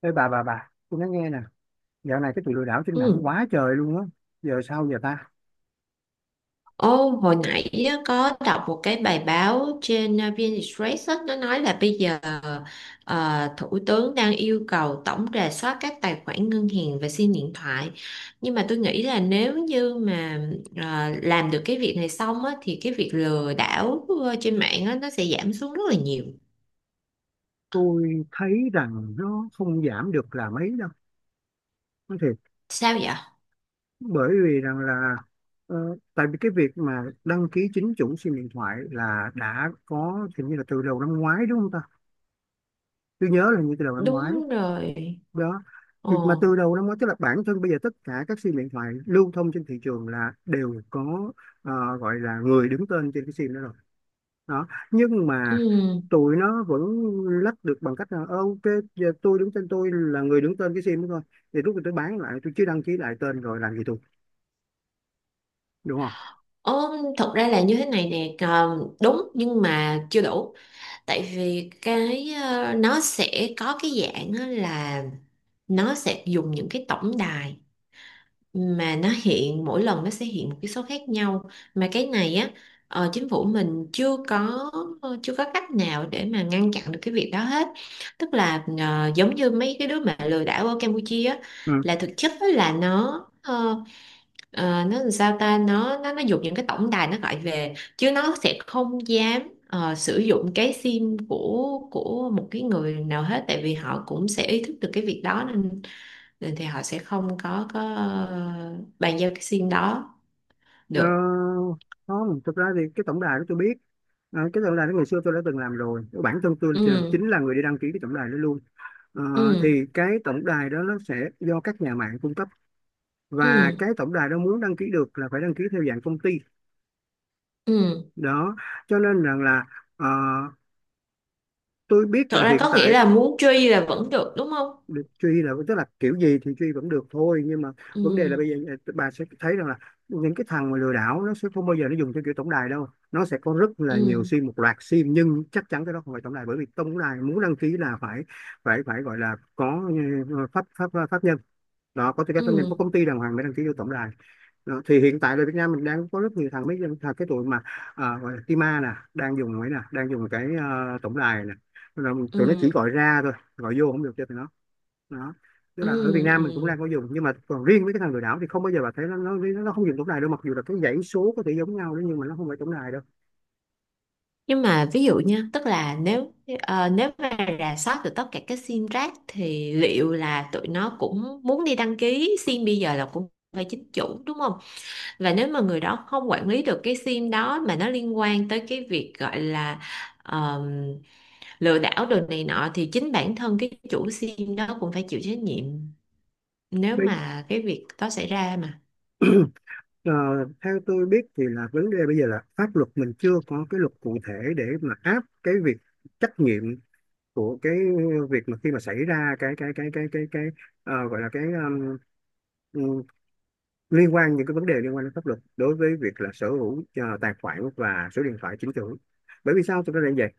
Ê bà, tôi nói nghe nè, dạo này cái tụi lừa đảo trên mạng Ừ. quá trời luôn á, giờ sao giờ ta? Ô, hồi nãy á, có đọc một cái bài báo trên VnExpress á, nó nói là bây giờ Thủ tướng đang yêu cầu tổng rà soát các tài khoản ngân hàng và SIM điện thoại. Nhưng mà tôi nghĩ là nếu như mà làm được cái việc này xong á, thì cái việc lừa đảo trên mạng á, nó sẽ giảm xuống rất là nhiều. Tôi thấy rằng nó không giảm được là mấy đâu, nói thiệt, Sao vậy? bởi vì rằng là ờ, tại vì cái việc mà đăng ký chính chủ SIM điện thoại là đã có thì như là từ đầu năm ngoái đúng không ta? Tôi nhớ là như từ đầu năm ngoái Đúng rồi. đó. Ồ. Thì mà từ đầu năm ngoái tức là bản thân bây giờ tất cả các SIM điện thoại lưu thông trên thị trường là đều có, gọi là người đứng tên trên cái SIM đó rồi đó, nhưng mà Ừ. tụi nó vẫn lách được bằng cách là: "Ờ, ok, giờ tôi đứng tên, tôi là người đứng tên cái sim đó thôi, thì lúc mà tôi bán lại tôi chỉ đăng ký lại tên, rồi làm gì tôi, đúng không?" Ồ, thật ra là như thế này nè, ờ, đúng nhưng mà chưa đủ. Tại vì cái nó sẽ có cái dạng á là nó sẽ dùng những cái tổng đài mà nó hiện mỗi lần nó sẽ hiện một cái số khác nhau, mà cái này á, chính phủ mình chưa có chưa có cách nào để mà ngăn chặn được cái việc đó hết. Tức là ờ, giống như mấy cái đứa mà lừa đảo ở Campuchia á, Ừ. là thực chất á là nó ờ, Ờ, nó làm sao ta, nó dùng những cái tổng đài nó gọi về chứ nó sẽ không dám sử dụng cái sim của một cái người nào hết, tại vì họ cũng sẽ ý thức được cái việc đó nên, nên thì họ sẽ không có bàn giao cái sim đó được. ờ, Không, thực ra thì cái tổng đài đó tôi biết. Ờ, cái tổng đài đó ngày xưa tôi đã từng làm rồi, bản thân Ừ. chính là người đi đăng ký cái tổng đài đó luôn. Ờ, Ừ. thì cái tổng đài đó nó sẽ do các nhà mạng cung cấp, Ừ. và cái tổng đài đó muốn đăng ký được là phải đăng ký theo dạng công ty Ừ đó, cho nên rằng là ờ, tôi biết thật là ra hiện có nghĩa tại là muốn truy là vẫn được đúng không? được truy là, tức là kiểu gì thì truy vẫn được thôi, nhưng mà vấn đề là Ừ. bây giờ, à, bà sẽ thấy rằng là những cái thằng mà lừa đảo nó sẽ không bao giờ nó dùng theo kiểu tổng đài đâu. Nó sẽ có rất là nhiều Ừ. sim, một loạt sim, nhưng chắc chắn cái đó không phải tổng đài, bởi vì tổng đài muốn đăng ký là phải phải phải gọi là có, ừ, pháp pháp pháp nhân đó, có tư cách pháp nhân, có Ừ. công ty đàng hoàng mới đăng ký vô tổng đài đó. Thì hiện tại ở Việt Nam mình đang có rất nhiều thằng, mấy thằng cái tụi mà, à, gọi là Tima nè, đang dùng ấy nè, đang dùng cái tổng đài nè. Rồi tụi nó chỉ Ừ. gọi ra thôi, gọi vô không được cho tụi nó đó. Tức Ừ. là ở Việt Nam Ừ. mình cũng đang có dùng, nhưng mà còn riêng với cái thằng lừa đảo thì không bao giờ bà thấy nó, nó không dùng tổng đài đâu, mặc dù là cái dãy số có thể giống nhau đấy, nhưng mà nó không phải tổng đài đâu. Nhưng mà ví dụ nha, tức là nếu nếu mà rà soát được tất cả các sim rác thì liệu là tụi nó cũng muốn đi đăng ký sim bây giờ là cũng phải chính chủ đúng không? Và nếu mà người đó không quản lý được cái sim đó mà nó liên quan tới cái việc gọi là ờm, lừa đảo đồ này nọ thì chính bản thân cái chủ sim đó cũng phải chịu trách nhiệm nếu Bây- mà cái việc đó xảy ra mà. Ờ, theo tôi biết thì là vấn đề bây giờ là pháp luật mình chưa có cái luật cụ thể để mà áp cái việc trách nhiệm của cái việc mà khi mà xảy ra cái gọi là cái, um, liên quan những cái vấn đề liên quan đến pháp luật đối với việc là sở hữu, tài khoản và số điện thoại chính chủ. Bởi vì sao tôi nói là như vậy?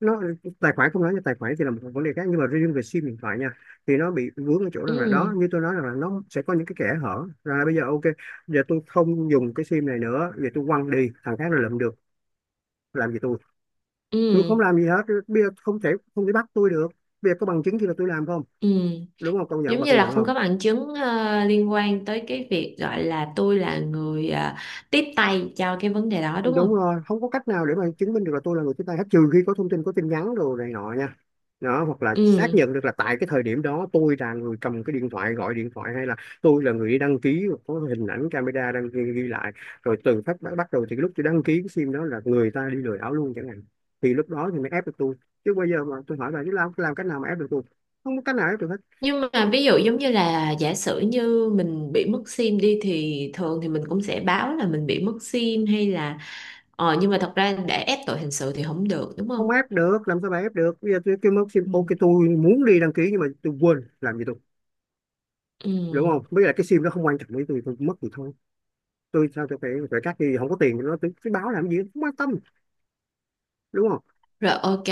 Nó, tài khoản không nói nha, tài khoản thì là một vấn đề khác, nhưng mà riêng về sim điện thoại nha, thì nó bị vướng ở chỗ rằng là đó, Ừ. như tôi nói rằng là nó sẽ có những cái kẽ hở rằng là bây giờ ok, giờ tôi không dùng cái sim này nữa, vậy tôi quăng đi, thằng khác là lượm được, làm gì tôi không Ừ. làm gì hết, bây giờ không thể bắt tôi được, bây giờ có bằng chứng gì là tôi làm không, Ừ. đúng không? Công nhận Giống bà, như công là nhận không không? có bằng chứng liên quan tới cái việc gọi là tôi là người tiếp tay cho cái vấn đề đó đúng Đúng không? rồi, không có cách nào để mà chứng minh được là tôi là người tiếp tay hết, trừ khi có thông tin, có tin nhắn đồ này nọ nha. Đó, hoặc là xác Ừ. nhận được là tại cái thời điểm đó tôi là người cầm cái điện thoại, gọi điện thoại, hay là tôi là người đi đăng ký có hình ảnh camera đăng ghi, ghi lại, rồi từ phát bắt bắt đầu thì lúc tôi đăng ký cái sim đó là người ta đi lừa đảo luôn chẳng hạn, thì lúc đó thì mới ép được tôi, chứ bây giờ mà tôi hỏi bà chứ làm cách nào mà ép được tôi? Không có cách nào ép được hết. Nhưng mà ví dụ giống như là giả sử như mình bị mất sim đi thì thường thì mình cũng sẽ báo là mình bị mất sim hay là ờ, nhưng mà thật ra để ép tội hình sự thì không được đúng không? Không ép được, làm sao bà ép được? Bây giờ tôi kêu mất sim, Ừ. ok, tôi muốn đi đăng ký nhưng mà tôi quên, làm gì tôi, Ừ. đúng không? Với lại cái sim nó không quan trọng với tôi mất thì thôi, tôi sao tôi phải phải cắt, thì không có tiền thì nó, tôi báo làm gì, không quan tâm, đúng không? Rồi ok,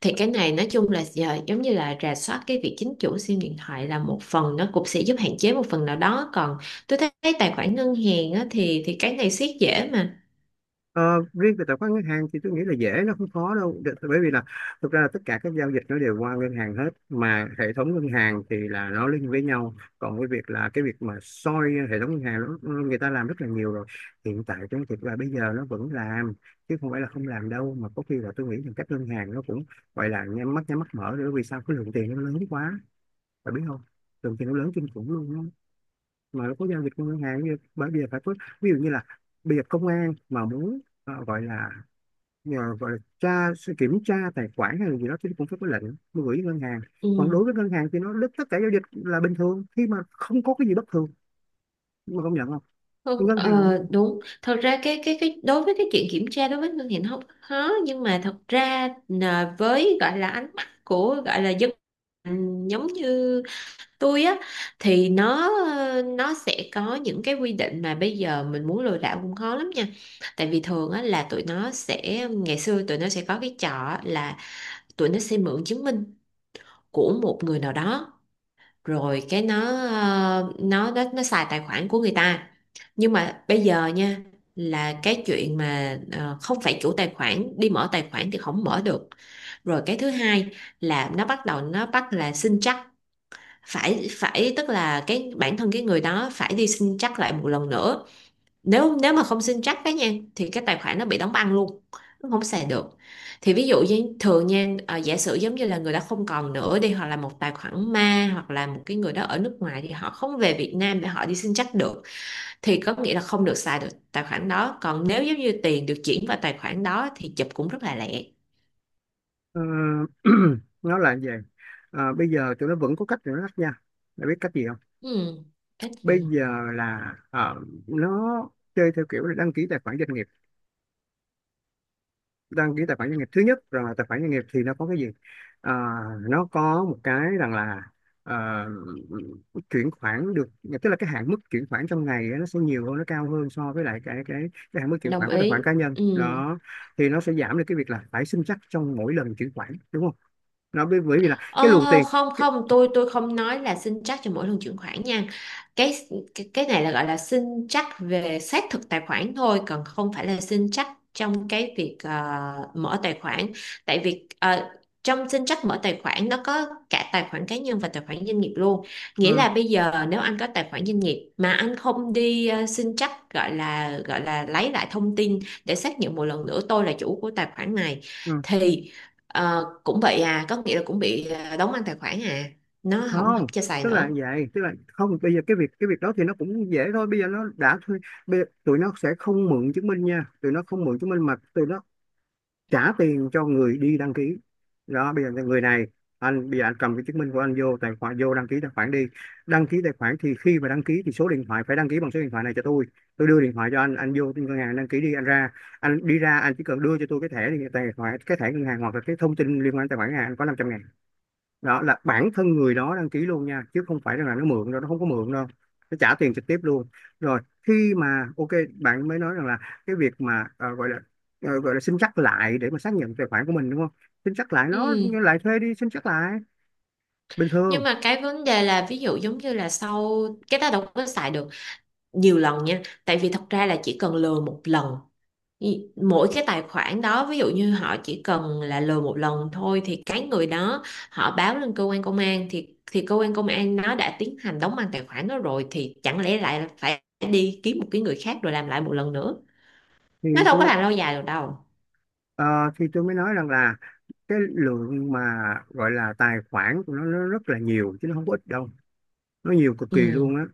thì cái này nói chung là giờ giống như là rà soát cái việc chính chủ SIM điện thoại là một phần, nó cũng sẽ giúp hạn chế một phần nào đó, còn tôi thấy tài khoản ngân hàng á, thì cái này siết dễ mà. Ờ, riêng về tài khoản ngân hàng thì tôi nghĩ là dễ, nó không khó đâu. Bởi vì là thực ra là tất cả các giao dịch nó đều qua ngân hàng hết, mà hệ thống ngân hàng thì là nó link với nhau, còn cái việc là cái việc mà soi hệ thống ngân hàng nó, người ta làm rất là nhiều rồi. Hiện tại trong thực ra bây giờ nó vẫn làm, chứ không phải là không làm đâu, mà có khi là tôi nghĩ rằng các ngân hàng nó cũng gọi là nhắm mắt mở nữa, vì sao, cái lượng tiền nó lớn quá, bạn biết không, thường thì nó lớn kinh khủng luôn á, mà nó có giao dịch qua ngân hàng, như bởi vì phải có, ví dụ như là bây giờ công an mà muốn, gọi là nhờ, gọi là tra, kiểm tra tài khoản hay là gì đó, thì cũng phải có lệnh mới gửi ngân hàng. Còn Ừ. đối với ngân hàng thì nó đứt tất cả giao dịch là bình thường, khi mà không có cái gì bất thường, mà công nhận không? Thôi, Ngân Ờ, hàng, đúng, thật ra cái đối với cái chuyện kiểm tra đối với ngân hàng nó không khó, nhưng mà thật ra là với gọi là ánh mắt của gọi là dân, ừ, giống như tôi á, thì nó ờ, nó sẽ có những cái quy định mà bây giờ mình muốn lừa đảo cũng khó lắm nha. Tại vì thường á là tụi nó sẽ, ngày xưa tụi nó sẽ có cái trò á là tụi nó sẽ mượn chứng minh của một người nào đó rồi cái nó nó xài tài khoản của người ta. Nhưng mà bây giờ nha, là cái chuyện mà không phải chủ tài khoản đi mở tài khoản thì không mở được. Rồi cái thứ hai là nó bắt đầu nó bắt là xin chắc, phải phải tức là cái bản thân cái người đó phải đi xin chắc lại một lần nữa. Nếu nếu mà không xin chắc cái nha thì cái tài khoản nó bị đóng băng luôn, nó không xài được. Thì ví dụ như thường nha, à, giả sử giống như là người đó không còn nữa đi, hoặc là một tài khoản ma, hoặc là một cái người đó ở nước ngoài thì họ không về Việt Nam để họ đi xin chắc được, thì có nghĩa là không được xài được tài khoản đó. Còn nếu giống như tiền được chuyển vào tài khoản đó thì chụp cũng rất là lẹ. ờ, nó là gì. Ờ, bây giờ tụi nó vẫn có cách để nó lách nha. Mày biết cách gì không? Ừ, cái Bây gì? giờ là nó chơi theo kiểu là đăng ký tài khoản doanh nghiệp. Đăng ký tài khoản doanh nghiệp thứ nhất rằng là tài khoản doanh nghiệp thì nó có cái gì? Ờ, nó có một cái rằng là, ờ, chuyển khoản được, tức là cái hạn mức chuyển khoản trong ngày á, nó sẽ nhiều hơn, nó cao hơn so với lại cái cái hạn mức chuyển Đồng khoản của tài ý. khoản cá nhân Ừ. đó, thì nó sẽ giảm được cái việc là phải xin chắc trong mỗi lần chuyển khoản, đúng không? Nó bởi bởi vì là Ờ, cái luồng tiền, không cái, không, tôi không nói là xin trắc cho mỗi lần chuyển khoản nha. Cái cái, cái này là gọi là xin trắc về xác thực tài khoản thôi, còn không phải là xin trắc trong cái việc mở tài khoản. Tại vì ờ, trong xin trắc mở tài khoản nó có cả tài khoản cá nhân và tài khoản doanh nghiệp luôn. Nghĩa ờ, là bây giờ nếu anh có tài khoản doanh nghiệp mà anh không đi xin trắc, gọi là lấy lại thông tin để xác nhận một lần nữa tôi là chủ của tài khoản này, ờ, thì Ờ, cũng vậy à, có nghĩa là cũng bị à, đóng ăn tài khoản à, nó không không, học cho xài tức là nữa. vậy, tức là không, bây giờ cái việc đó thì nó cũng dễ thôi, bây giờ nó đã thuê. Bây giờ, tụi nó sẽ không mượn chứng minh nha, tụi nó không mượn chứng minh mà tụi nó trả tiền cho người đi đăng ký đó. Bây giờ người này, anh, bây giờ anh cầm cái chứng minh của anh vô tài khoản, vô đăng ký tài khoản đi, đăng ký tài khoản thì khi mà đăng ký thì số điện thoại phải đăng ký bằng số điện thoại này cho tôi đưa điện thoại cho anh vô ngân hàng đăng ký đi, anh ra, anh đi ra anh chỉ cần đưa cho tôi cái thẻ này, tài khoản, cái thẻ ngân hàng, hoặc là cái thông tin liên quan đến tài khoản ngân hàng, anh có 500 ngàn. Đó là bản thân người đó đăng ký luôn nha, chứ không phải rằng là nó mượn đâu, nó không có mượn đâu, nó trả tiền trực tiếp luôn. Rồi, khi mà ok, bạn mới nói rằng là cái việc mà, gọi là, gọi là xin chắc lại để mà xác nhận tài khoản của mình, đúng không? Xin chắc lại, nó Ừ. lại thuê đi xin chắc lại bình Nhưng thường. mà cái vấn đề là ví dụ giống như là sau cái ta đâu có xài được nhiều lần nha, tại vì thật ra là chỉ cần lừa một lần. Ý- mỗi cái tài khoản đó ví dụ như họ chỉ cần là lừa một lần thôi, thì cái người đó họ báo lên cơ quan công an thì cơ quan công an nó đã tiến hành đóng băng tài khoản đó rồi, thì chẳng lẽ lại phải đi kiếm một cái người khác rồi làm lại một lần nữa. Thì Nó đâu tôi, có làm lâu dài được đâu. ờ, thì tôi mới nói rằng là cái lượng mà gọi là tài khoản của nó rất là nhiều chứ nó không có ít đâu, nó nhiều cực kỳ Ừ. luôn á.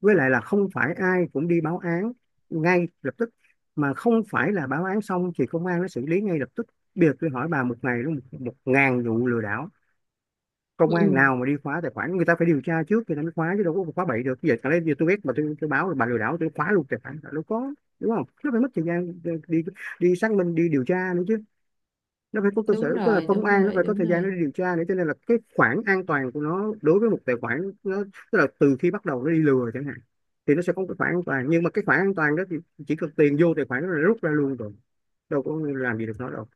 Với lại là không phải ai cũng đi báo án ngay lập tức, mà không phải là báo án xong thì công an nó xử lý ngay lập tức. Bây giờ tôi hỏi bà, một ngày nó 1.000 vụ lừa đảo, Ừ. công an Ừ. nào mà đi khóa tài khoản? Người ta phải điều tra trước, người ta mới khóa, chứ đâu có khóa bậy được. Giờ chẳng lẽ giờ tôi biết mà tôi báo là bà lừa đảo tôi khóa luôn tài khoản, đâu có, đúng không? Nó phải mất thời gian đi, đi xác minh, đi điều tra nữa chứ, nó phải có cơ Đúng sở, tức là rồi, công đúng an nó rồi, phải có đúng thời gian để rồi. điều tra nữa, cho nên là cái khoảng an toàn của nó đối với một tài khoản nó, tức là từ khi bắt đầu nó đi lừa chẳng hạn, thì nó sẽ có một cái khoản an toàn. Nhưng mà cái khoản an toàn đó thì chỉ cần tiền vô tài khoản nó là rút ra luôn rồi, đâu có làm gì được nó đâu.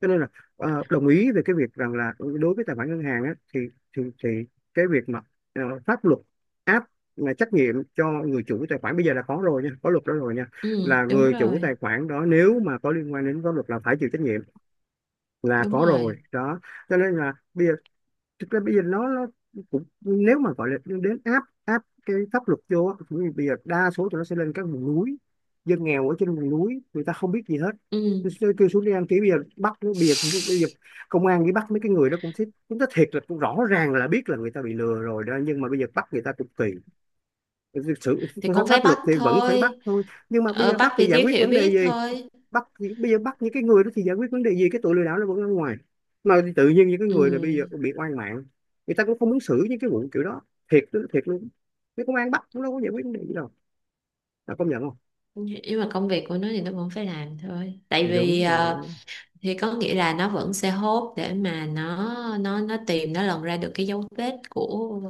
Cho nên là đồng ý về cái việc rằng là đối với tài khoản ngân hàng á, thì cái việc mà pháp luật áp là trách nhiệm cho người chủ tài khoản bây giờ là có rồi nha, có luật đó rồi nha, Ừ, là đúng người chủ tài rồi, khoản đó nếu mà có liên quan đến pháp luật là phải chịu trách nhiệm, là đúng có rồi rồi. đó. Cho nên là bây giờ, thực ra bây giờ nó cũng nếu mà gọi là đến áp áp cái pháp luật vô á, cũng như bây giờ đa số tụi nó sẽ lên các vùng núi, dân nghèo ở trên vùng núi người ta không biết gì hết. tôi Ừ, tôi kêu xuống đi đăng ký, bây giờ bây giờ, bây giờ công an đi bắt mấy cái người đó cũng thích, cũng nói thiệt là cũng rõ ràng là biết là người ta bị lừa rồi đó, nhưng mà bây giờ bắt người ta cũng kỳ. Thực sự thì pháp cũng phải pháp luật bắt thì vẫn phải bắt thôi. thôi, nhưng mà bây Ở, giờ bắt bắt thì vì giải thiếu quyết hiểu vấn đề biết gì? thôi. Bắt, bây giờ bắt những cái người đó thì giải quyết vấn đề gì? Cái tụi lừa đảo nó vẫn ở ngoài, mà tự nhiên những cái người này bây Ừ, giờ bị oan mạng. Người ta cũng không muốn xử những cái vụ kiểu đó, thiệt đó, thiệt luôn. Cái công an bắt cũng đâu có giải quyết vấn đề gì đâu, là công nhận không? nhưng mà công việc của nó thì nó vẫn phải làm thôi, tại vì Đúng ờ, rồi. thì có nghĩa là nó vẫn sẽ hốt để mà nó tìm, nó lồng ra được cái dấu vết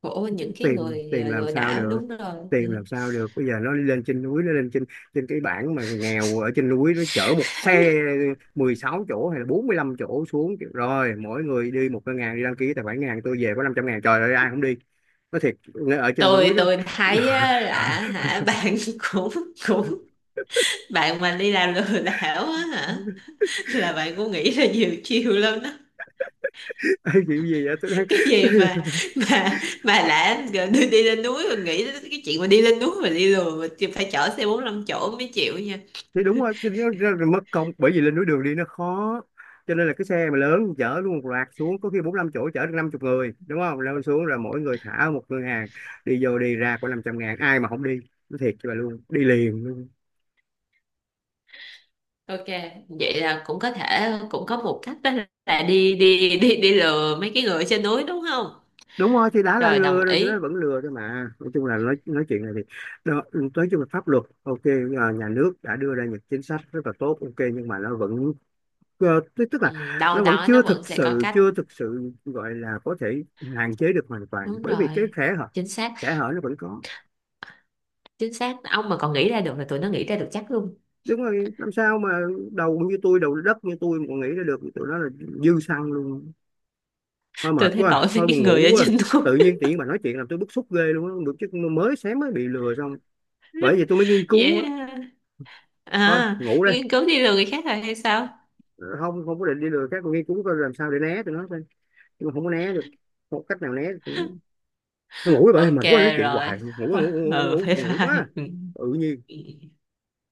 của những cái tìm người tìm làm lừa sao đảo, được, đúng rồi. tìm làm sao được? Bây giờ nó lên trên núi, nó lên trên, trên cái bảng mà người nghèo ở trên núi, nó chở một xe 16 chỗ hay là 45 chỗ xuống kiểu, rồi mỗi người đi một cái ngàn đi đăng ký tài khoản ngàn, tôi về có 500.000, trời ơi, ai không đi? Nó thiệt, ở trên núi tôi đó. tôi thấy á, là hả bạn cũng cũng, bạn mà đi làm lừa đảo á hả, là bạn cũng nghĩ là nhiều chiều lắm đó. Ê, kiểu gì vậy? Tôi đang Cái gì mà mà đã gọi đi, đi lên núi mà nghĩ đến cái chuyện mà đi lên núi mà đi lùa, mà thì phải chở xe 45 chỗ mới chịu nha. thì đúng rồi, thì nó ra mất công bởi vì lên núi đường đi nó khó, cho nên là cái xe mà lớn chở luôn một loạt xuống, có khi bốn năm chỗ chở được 50 người, đúng không? Lên xuống rồi mỗi người thả ở một ngân hàng, đi vô đi ra có 500.000, ai mà không đi? Nó thiệt cho bà luôn, đi liền luôn. Ok, vậy là cũng có thể cũng có một cách đó, là đi đi lừa mấy cái người trên núi đúng không? Đúng rồi, thì đã là Rồi đồng lừa rồi thì nó ý. vẫn lừa thôi mà. Nói chung là nói chuyện này thì đó, nói chung là pháp luật ok, à, nhà nước đã đưa ra những chính sách rất là tốt, ok, nhưng mà nó vẫn Ờ, tức tức là Ừ, đâu nó vẫn đó nó chưa vẫn thực sẽ có sự cách. chưa thực sự gọi là có thể hạn chế được hoàn toàn, Đúng bởi vì cái rồi, kẽ hở chính xác. kẽ hở nó vẫn có. Chính xác, ông mà còn nghĩ ra được là tụi nó nghĩ ra được chắc luôn. Đúng rồi, làm sao mà, đầu đất như tôi mà còn nghĩ ra được, tụi nó là dư xăng luôn. Thôi Tôi mệt thấy quá, tội với thôi cái buồn người ngủ ở quá. trên núi. Tự nhiên tiện bà nói chuyện làm tôi bức xúc ghê luôn á, được chứ, mới sáng mới bị lừa xong, bởi vì tôi mới nghiên cứu đó. Yeah. Thôi À, ngủ đây. nghiên cứu đi lừa người khác rồi hay sao? Ờ, Không, không có định đi lừa các con, nghiên cứu coi làm sao để né tụi nó thôi, nhưng mà không có né được, không có cách nào né được. Nó ngủ vậy, Ok mệt quá nói chuyện rồi. hoài, ngủ ngủ ngủ ngủ, Ừ, ngủ, bye ngủ bye. quá. Tự nhiên Ừ.